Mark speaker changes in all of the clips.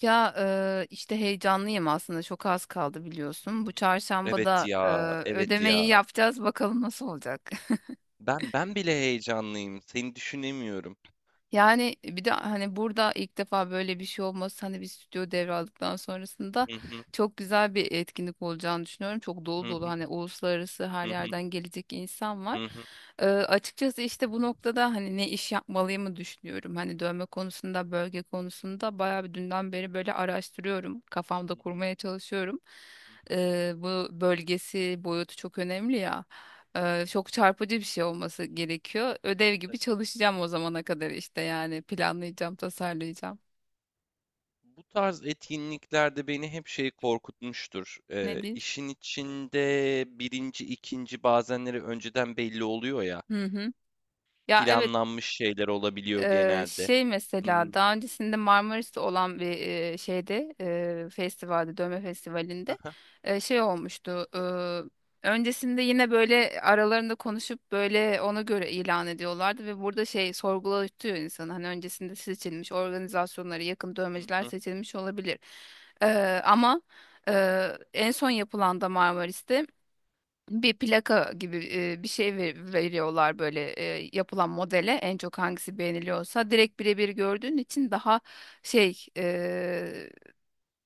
Speaker 1: Ya işte heyecanlıyım aslında, çok az kaldı
Speaker 2: Hı
Speaker 1: biliyorsun. Bu
Speaker 2: hı.
Speaker 1: çarşamba
Speaker 2: Evet
Speaker 1: da
Speaker 2: ya, evet
Speaker 1: ödemeyi
Speaker 2: ya.
Speaker 1: yapacağız, bakalım nasıl olacak.
Speaker 2: Ben bile heyecanlıyım. Seni düşünemiyorum.
Speaker 1: Yani bir de hani burada ilk defa böyle bir şey olması, hani bir stüdyo devraldıktan sonrasında
Speaker 2: Hı hı,
Speaker 1: çok güzel bir etkinlik olacağını düşünüyorum. Çok
Speaker 2: hı
Speaker 1: dolu dolu,
Speaker 2: hı,
Speaker 1: hani uluslararası her
Speaker 2: hı hı,
Speaker 1: yerden gelecek insan var.
Speaker 2: hı hı,
Speaker 1: Açıkçası işte bu noktada hani ne iş yapmalıyımı düşünüyorum. Hani dövme konusunda, bölge konusunda bayağı bir, dünden beri böyle araştırıyorum. Kafamda
Speaker 2: hı hı,
Speaker 1: kurmaya çalışıyorum.
Speaker 2: hı hı.
Speaker 1: Bu bölgesi, boyutu çok önemli ya. Çok çarpıcı bir şey olması gerekiyor. Ödev gibi
Speaker 2: Tabii.
Speaker 1: çalışacağım o zamana kadar, işte yani planlayacağım, tasarlayacağım.
Speaker 2: Bu tarz etkinliklerde beni hep şey korkutmuştur.
Speaker 1: Nedir?
Speaker 2: İşin içinde birinci, ikinci bazenleri önceden belli oluyor ya.
Speaker 1: Hı hı. Ya, evet.
Speaker 2: Planlanmış şeyler olabiliyor genelde.
Speaker 1: Şey mesela
Speaker 2: Hmm.
Speaker 1: daha öncesinde Marmaris'te olan bir şeyde, festivalde, dövme festivalinde
Speaker 2: Aha,
Speaker 1: şey olmuştu. Öncesinde yine böyle aralarında konuşup böyle ona göre ilan ediyorlardı ve burada şey sorgulatıyor insanı. Hani öncesinde seçilmiş organizasyonlara yakın
Speaker 2: hı
Speaker 1: dövmeciler
Speaker 2: hı,
Speaker 1: seçilmiş olabilir. Ama En son yapılan da Marmaris'te bir plaka gibi, bir şey veriyorlar böyle, yapılan modele en çok hangisi beğeniliyorsa direkt birebir gördüğün için daha şey,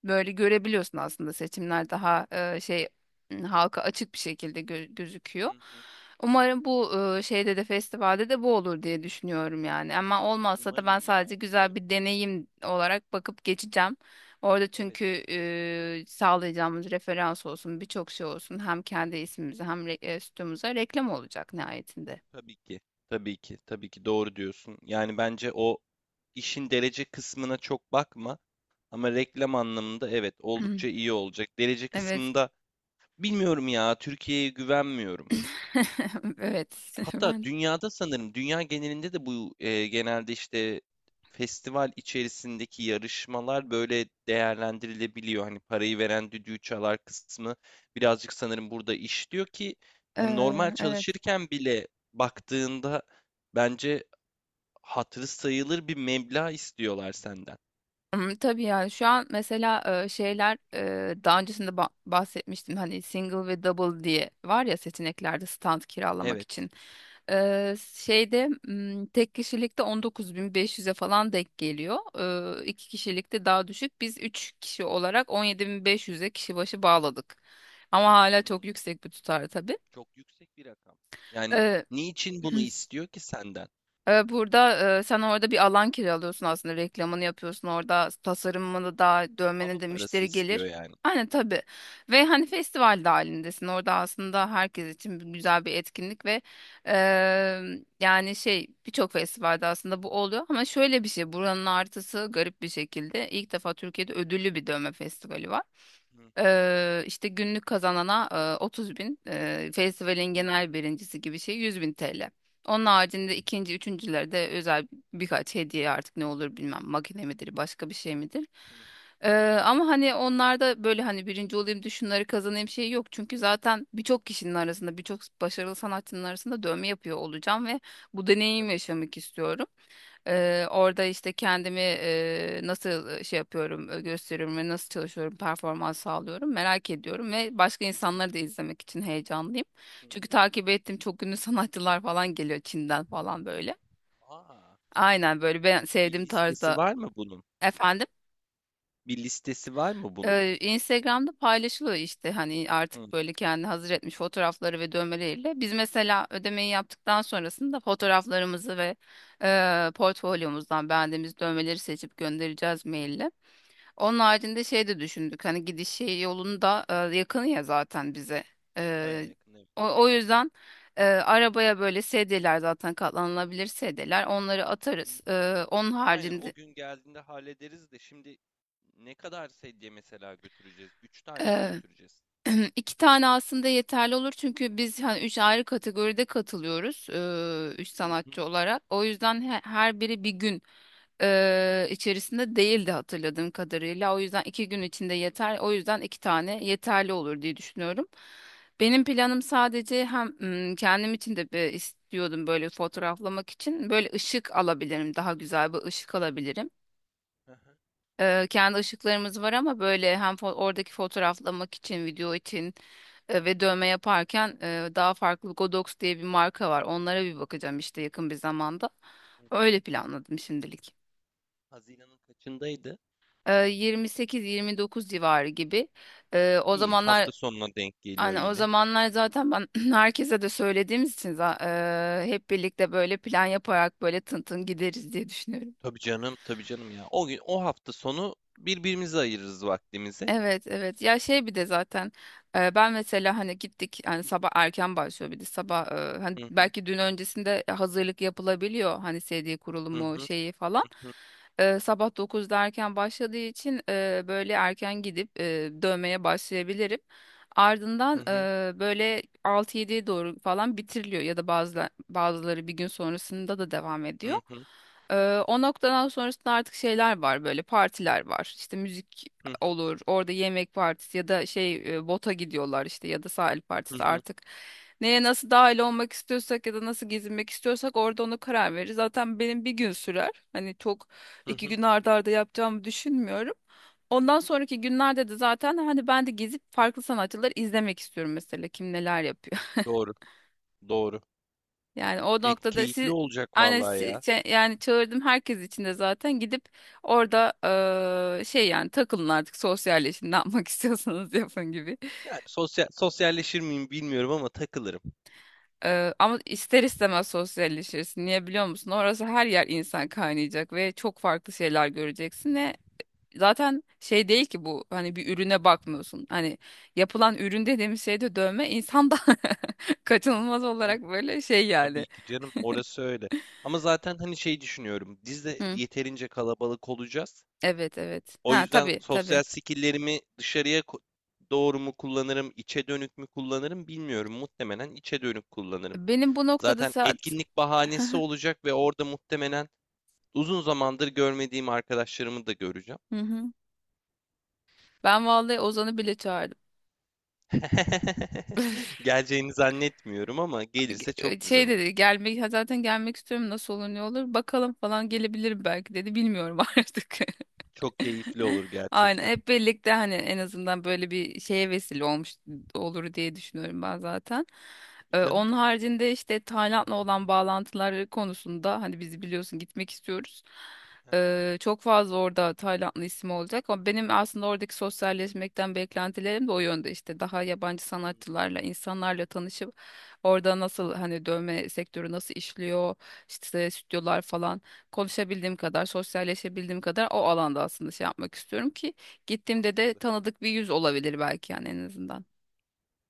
Speaker 1: böyle görebiliyorsun. Aslında seçimler daha şey, halka açık bir şekilde gözüküyor.
Speaker 2: hı hı.
Speaker 1: Umarım bu, şeyde de, festivalde de bu olur diye düşünüyorum yani. Ama olmazsa da ben
Speaker 2: Umarım
Speaker 1: sadece
Speaker 2: ya,
Speaker 1: güzel
Speaker 2: umarım.
Speaker 1: bir deneyim olarak bakıp geçeceğim. Orada
Speaker 2: Evet,
Speaker 1: çünkü sağlayacağımız referans olsun, birçok şey olsun. Hem kendi ismimize hem stüdyomuza reklam olacak nihayetinde.
Speaker 2: tabii ki. Tabii ki, tabii ki doğru diyorsun. Yani bence o İşin derece kısmına çok bakma, ama reklam anlamında evet oldukça iyi olacak. Derece
Speaker 1: Evet.
Speaker 2: kısmında bilmiyorum ya, Türkiye'ye güvenmiyorum.
Speaker 1: Evet.
Speaker 2: Hatta
Speaker 1: Ben
Speaker 2: dünyada sanırım dünya genelinde de bu genelde işte festival içerisindeki yarışmalar böyle değerlendirilebiliyor. Hani parayı veren düdüğü çalar kısmı birazcık sanırım burada işliyor ki hani normal
Speaker 1: Evet.
Speaker 2: çalışırken bile baktığında bence hatırı sayılır bir meblağ istiyorlar senden.
Speaker 1: Hmm, tabii yani şu an mesela, şeyler, daha öncesinde bahsetmiştim hani single ve double diye var ya, seçeneklerde stand kiralamak
Speaker 2: Evet.
Speaker 1: için. Şeyde, tek kişilikte 19.500'e falan denk geliyor. İki kişilikte daha düşük. Biz 3 kişi olarak 17.500'e kişi başı bağladık. Ama hala çok
Speaker 2: Hımm.
Speaker 1: yüksek bir tutar tabii.
Speaker 2: Çok yüksek bir rakam. Yani,
Speaker 1: E,
Speaker 2: niçin bunu istiyor ki senden?
Speaker 1: Burada sen orada bir alan kiralıyorsun, aslında reklamını yapıyorsun orada, tasarımını da,
Speaker 2: Hava
Speaker 1: dövmeni de
Speaker 2: parası
Speaker 1: müşteri
Speaker 2: istiyor
Speaker 1: gelir.
Speaker 2: yani.
Speaker 1: Aynen tabii. Ve hani festival de halindesin orada, aslında herkes için güzel bir etkinlik ve e, yani şey birçok festivalde aslında bu oluyor. Ama şöyle bir şey, buranın artısı, garip bir şekilde ilk defa Türkiye'de ödüllü bir dövme festivali var.
Speaker 2: Hı hı.
Speaker 1: İşte günlük kazanana 30 bin, festivalin
Speaker 2: Hı hı.
Speaker 1: genel birincisi gibi şey 100 bin TL. Onun
Speaker 2: Hı
Speaker 1: haricinde
Speaker 2: hı.
Speaker 1: ikinci, üçüncülerde özel birkaç hediye artık, ne olur bilmem, makine midir, başka bir şey midir.
Speaker 2: Hı hı.
Speaker 1: Eee, Ama hani onlarda böyle, hani birinci olayım da şunları kazanayım, şey yok. Çünkü zaten birçok kişinin arasında, birçok başarılı sanatçının arasında dövme yapıyor olacağım ve bu deneyim
Speaker 2: Tabii.
Speaker 1: yaşamak istiyorum. Orada işte kendimi nasıl şey yapıyorum, gösteriyorum ve nasıl çalışıyorum, performans sağlıyorum merak ediyorum, ve başka
Speaker 2: Hı
Speaker 1: insanları da
Speaker 2: hı.
Speaker 1: izlemek için heyecanlıyım.
Speaker 2: Hı
Speaker 1: Çünkü
Speaker 2: hı.
Speaker 1: takip ettiğim çok ünlü sanatçılar falan geliyor, Çin'den falan böyle.
Speaker 2: A!
Speaker 1: Aynen, böyle ben
Speaker 2: Bir
Speaker 1: sevdiğim
Speaker 2: listesi
Speaker 1: tarzda.
Speaker 2: var mı bunun?
Speaker 1: Efendim.
Speaker 2: Bir listesi var mı bunun?
Speaker 1: Instagram'da paylaşılıyor işte, hani artık
Speaker 2: Hımm.
Speaker 1: böyle kendi hazır etmiş fotoğrafları ve dövmeleriyle. Biz mesela ödemeyi yaptıktan sonrasında fotoğraflarımızı ve portfolyomuzdan beğendiğimiz dövmeleri seçip göndereceğiz maille. Onun haricinde şey de düşündük, hani gidiş şey yolunda, yakın ya zaten bize.
Speaker 2: Bayağı
Speaker 1: E,
Speaker 2: yakın, evet.
Speaker 1: o yüzden, arabaya böyle sedyeler, zaten katlanılabilir sedyeler, onları
Speaker 2: Hı
Speaker 1: atarız.
Speaker 2: hı.
Speaker 1: Onun
Speaker 2: Aynen, o
Speaker 1: haricinde,
Speaker 2: gün geldiğinde hallederiz de şimdi ne kadar sedye mesela götüreceğiz? 3 tane mi
Speaker 1: e,
Speaker 2: götüreceğiz?
Speaker 1: İki tane aslında yeterli olur, çünkü biz hani üç ayrı kategoride katılıyoruz, üç
Speaker 2: Hı hı.
Speaker 1: sanatçı olarak. O yüzden her biri bir gün içerisinde değildi hatırladığım kadarıyla. O yüzden iki gün içinde yeter. O yüzden iki tane yeterli olur diye düşünüyorum. Benim planım sadece, hem kendim için de bir istiyordum böyle fotoğraflamak için, böyle ışık alabilirim, daha güzel bir ışık alabilirim.
Speaker 2: Hı hı.
Speaker 1: Kendi ışıklarımız var, ama böyle hem oradaki fotoğraflamak için, video için, ve dövme yaparken daha farklı, Godox diye bir marka var. Onlara bir bakacağım
Speaker 2: Hı
Speaker 1: işte
Speaker 2: hı.
Speaker 1: yakın bir zamanda.
Speaker 2: Hı hı.
Speaker 1: Öyle planladım şimdilik.
Speaker 2: Haziran'ın kaçındaydı?
Speaker 1: 28-29 civarı gibi. O
Speaker 2: İyi,
Speaker 1: zamanlar,
Speaker 2: hafta sonuna denk geliyor
Speaker 1: hani o
Speaker 2: yine.
Speaker 1: zamanlar zaten ben herkese de söylediğimiz için hep birlikte böyle plan yaparak böyle tın tın gideriz diye düşünüyorum.
Speaker 2: Tabii canım, tabii canım ya. O gün, o hafta sonu birbirimize ayırırız vaktimizi.
Speaker 1: Evet, evet ya, şey bir de zaten ben mesela, hani gittik, hani sabah erken başlıyor, bir de sabah hani
Speaker 2: Hı hı,
Speaker 1: belki dün öncesinde hazırlık yapılabiliyor, hani CD
Speaker 2: hı
Speaker 1: kurulumu
Speaker 2: hı,
Speaker 1: şeyi falan.
Speaker 2: hı hı,
Speaker 1: Sabah 9'da erken başladığı için böyle erken gidip dövmeye başlayabilirim,
Speaker 2: hı
Speaker 1: ardından
Speaker 2: hı,
Speaker 1: böyle 6-7'ye doğru falan bitiriliyor, ya da bazı, bazıları bir gün sonrasında da devam ediyor.
Speaker 2: hı hı,
Speaker 1: E, O noktadan sonrasında artık şeyler var, böyle partiler var, işte müzik
Speaker 2: hı hı,
Speaker 1: olur. Orada yemek partisi, ya da şey, bota gidiyorlar işte, ya da sahil
Speaker 2: hı
Speaker 1: partisi
Speaker 2: hı,
Speaker 1: artık. Neye nasıl dahil olmak istiyorsak, ya da nasıl gezinmek istiyorsak, orada onu karar veririz. Zaten benim bir gün sürer. Hani çok,
Speaker 2: hı
Speaker 1: iki
Speaker 2: hı.
Speaker 1: gün arda arda yapacağımı düşünmüyorum. Ondan sonraki günlerde de zaten hani ben de gezip farklı sanatçıları izlemek istiyorum, mesela kim neler yapıyor.
Speaker 2: Doğru, doğru.
Speaker 1: Yani o
Speaker 2: E,
Speaker 1: noktada
Speaker 2: keyifli
Speaker 1: siz,
Speaker 2: olacak vallahi ya.
Speaker 1: yani çağırdım herkes için de zaten, gidip orada şey, yani takılın artık, sosyalleşin, ne yapmak istiyorsanız yapın gibi.
Speaker 2: Yani sosyal, sosyalleşir miyim bilmiyorum ama takılırım.
Speaker 1: Ama ister istemez sosyalleşirsin. Niye biliyor musun? Orası, her yer insan kaynayacak ve çok farklı şeyler göreceksin, ve zaten şey değil ki bu, hani bir ürüne bakmıyorsun. Hani yapılan ürün dediğimiz şey de dövme, insan da
Speaker 2: Tabii
Speaker 1: kaçınılmaz
Speaker 2: ki canım,
Speaker 1: olarak böyle şey yani.
Speaker 2: tabii ki canım. Orası öyle. Ama zaten hani şey düşünüyorum. Biz de
Speaker 1: Hı,
Speaker 2: yeterince kalabalık olacağız.
Speaker 1: evet, evet.
Speaker 2: O
Speaker 1: Ha,
Speaker 2: yüzden
Speaker 1: tabii tabii.
Speaker 2: sosyal skill'lerimi dışarıya doğru mu kullanırım, içe dönük mü kullanırım bilmiyorum. Muhtemelen içe dönük kullanırım.
Speaker 1: Benim bu noktada
Speaker 2: Zaten
Speaker 1: saat
Speaker 2: etkinlik bahanesi olacak ve orada muhtemelen uzun zamandır görmediğim arkadaşlarımı da göreceğim.
Speaker 1: Hı hı. Ben vallahi Ozan'ı bile çağırdım.
Speaker 2: Geleceğini zannetmiyorum ama gelirse çok güzel
Speaker 1: Şey
Speaker 2: olur.
Speaker 1: dedi, gelmek, zaten gelmek istiyorum, nasıl olur, ne olur bakalım falan, gelebilirim belki dedi, bilmiyorum artık.
Speaker 2: Çok keyifli olur
Speaker 1: Aynen,
Speaker 2: gerçekten.
Speaker 1: hep birlikte hani, en azından böyle bir şeye vesile olmuş olur diye düşünüyorum ben zaten.
Speaker 2: Tabii canım.
Speaker 1: Onun haricinde işte, Tayland'la olan bağlantıları konusunda, hani bizi biliyorsun, gitmek istiyoruz.
Speaker 2: Aha,
Speaker 1: Çok fazla orada Taylandlı ismi olacak, ama benim aslında oradaki sosyalleşmekten beklentilerim de o yönde, işte daha yabancı
Speaker 2: hmm,
Speaker 1: sanatçılarla, insanlarla tanışıp, orada nasıl, hani dövme sektörü nasıl işliyor, işte stüdyolar falan, konuşabildiğim kadar, sosyalleşebildiğim kadar o alanda aslında şey yapmak istiyorum ki, gittiğimde de
Speaker 2: mantıklı.
Speaker 1: tanıdık bir yüz olabilir belki, yani en azından.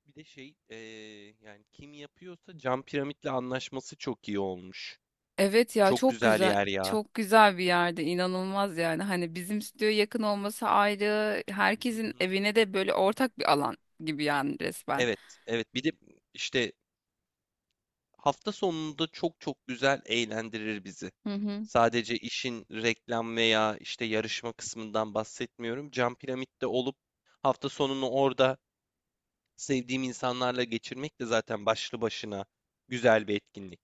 Speaker 2: Bir de şey, yani kim yapıyorsa cam piramitle anlaşması çok iyi olmuş.
Speaker 1: Evet ya,
Speaker 2: Çok
Speaker 1: çok
Speaker 2: güzel
Speaker 1: güzel.
Speaker 2: yer ya.
Speaker 1: Çok güzel bir yerde, inanılmaz yani, hani bizim stüdyoya yakın olması ayrı,
Speaker 2: Hı
Speaker 1: herkesin
Speaker 2: hı.
Speaker 1: evine de böyle ortak bir alan gibi yani resmen.
Speaker 2: Evet, evet. Bir de işte hafta sonunda çok çok güzel eğlendirir bizi.
Speaker 1: Hı hı.
Speaker 2: Sadece işin reklam veya işte yarışma kısmından bahsetmiyorum. Cam Piramit'te olup hafta sonunu orada sevdiğim insanlarla geçirmek de zaten başlı başına güzel bir etkinlik.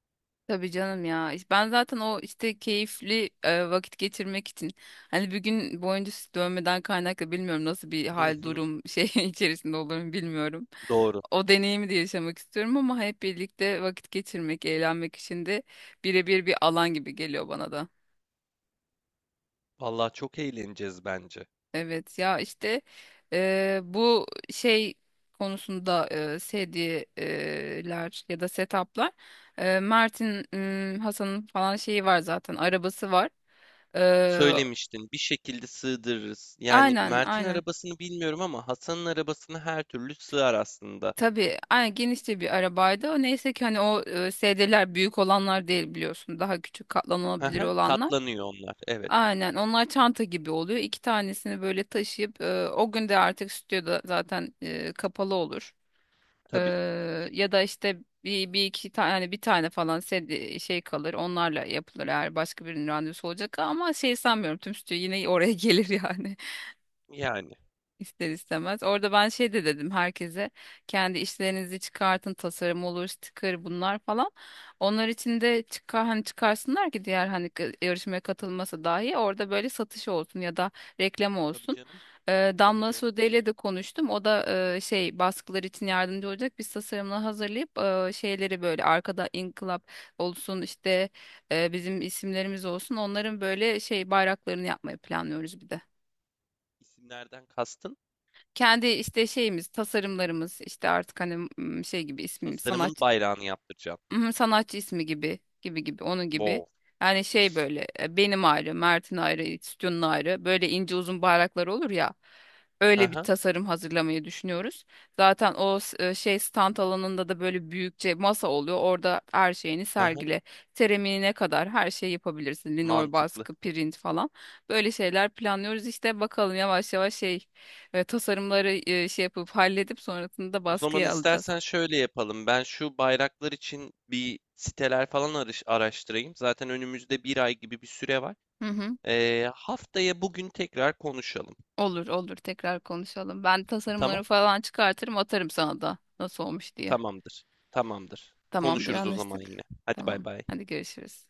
Speaker 1: Tabii canım ya. İşte ben zaten, o işte keyifli vakit geçirmek için, hani bir gün boyunca dönmeden kaynaklı, bilmiyorum nasıl bir
Speaker 2: Hı
Speaker 1: hal,
Speaker 2: hı,
Speaker 1: durum, şey içerisinde olurum bilmiyorum.
Speaker 2: doğru.
Speaker 1: O deneyimi de yaşamak istiyorum, ama hep birlikte vakit geçirmek, eğlenmek için de birebir bir alan gibi geliyor bana da.
Speaker 2: Vallahi çok eğleneceğiz bence.
Speaker 1: Evet ya işte, bu şey konusunda, sedyeler ya da setuplar, Mert'in, Hasan'ın falan şeyi var, zaten arabası var. Eee,
Speaker 2: Söylemiştin, bir şekilde sığdırırız. Yani
Speaker 1: aynen
Speaker 2: Mert'in
Speaker 1: aynen.
Speaker 2: arabasını bilmiyorum ama Hasan'ın arabasını her türlü sığar aslında.
Speaker 1: Tabii, aynen, genişçe bir arabaydı. Neyse ki hani o sedyeler büyük olanlar değil biliyorsun. Daha küçük,
Speaker 2: Hı
Speaker 1: katlanabilir
Speaker 2: hı,
Speaker 1: olanlar.
Speaker 2: katlanıyor onlar. Evet,
Speaker 1: Aynen, onlar çanta gibi oluyor. İki tanesini böyle taşıyıp o gün de artık stüdyoda zaten kapalı olur. E,
Speaker 2: tabii.
Speaker 1: Ya da işte bir iki tane, yani bir tane falan şey kalır. Onlarla yapılır eğer başka birinin randevusu olacak, ama şey sanmıyorum, tüm stüdyo yine oraya gelir yani.
Speaker 2: Yani.
Speaker 1: İster istemez. Orada ben şey de dedim herkese, kendi işlerinizi çıkartın, tasarım olur, sticker, bunlar falan. Onlar için de çıkar hani, çıkarsınlar ki diğer hani, yarışmaya katılması dahi orada, böyle satış olsun ya da reklam
Speaker 2: Tabii
Speaker 1: olsun.
Speaker 2: canım. Tabii
Speaker 1: Damla
Speaker 2: canım.
Speaker 1: Sude ile de konuştum. O da şey baskılar için yardımcı olacak. Biz tasarımla hazırlayıp şeyleri böyle arkada inkılap olsun işte, bizim isimlerimiz olsun. Onların böyle şey bayraklarını yapmayı planlıyoruz bir de,
Speaker 2: İsimlerden kastın
Speaker 1: kendi işte şeyimiz, tasarımlarımız, işte artık hani, şey gibi, ismim
Speaker 2: tasarımın
Speaker 1: sanat.
Speaker 2: bayrağını yaptıracağım.
Speaker 1: Mhm, sanatçı ismi gibi gibi gibi, onun gibi.
Speaker 2: Wow.
Speaker 1: Yani şey böyle benim ayrı, Mert'in ayrı, Stüdyo'nun ayrı, böyle ince uzun bayraklar olur ya. Öyle bir
Speaker 2: Aha,
Speaker 1: tasarım hazırlamayı düşünüyoruz. Zaten o şey stand alanında da böyle büyükçe masa oluyor. Orada her şeyini
Speaker 2: aha,
Speaker 1: sergile. Seramiğine kadar her şeyi yapabilirsin. Linol
Speaker 2: mantıklı.
Speaker 1: baskı, print falan. Böyle şeyler planlıyoruz. İşte bakalım, yavaş yavaş şey, tasarımları şey yapıp halledip sonrasında
Speaker 2: O zaman
Speaker 1: baskıya alacağız.
Speaker 2: istersen şöyle yapalım. Ben şu bayraklar için bir siteler falan araştırayım. Zaten önümüzde bir ay gibi bir süre var.
Speaker 1: Hı hı.
Speaker 2: Haftaya bugün tekrar konuşalım.
Speaker 1: Olur olur, tekrar konuşalım. Ben tasarımları
Speaker 2: Tamam?
Speaker 1: falan çıkartırım, atarım sana da, nasıl olmuş diye.
Speaker 2: Tamamdır. Tamamdır.
Speaker 1: Tamamdır,
Speaker 2: Konuşuruz o zaman yine.
Speaker 1: anlaştık.
Speaker 2: Hadi bay
Speaker 1: Tamam,
Speaker 2: bay.
Speaker 1: hadi görüşürüz.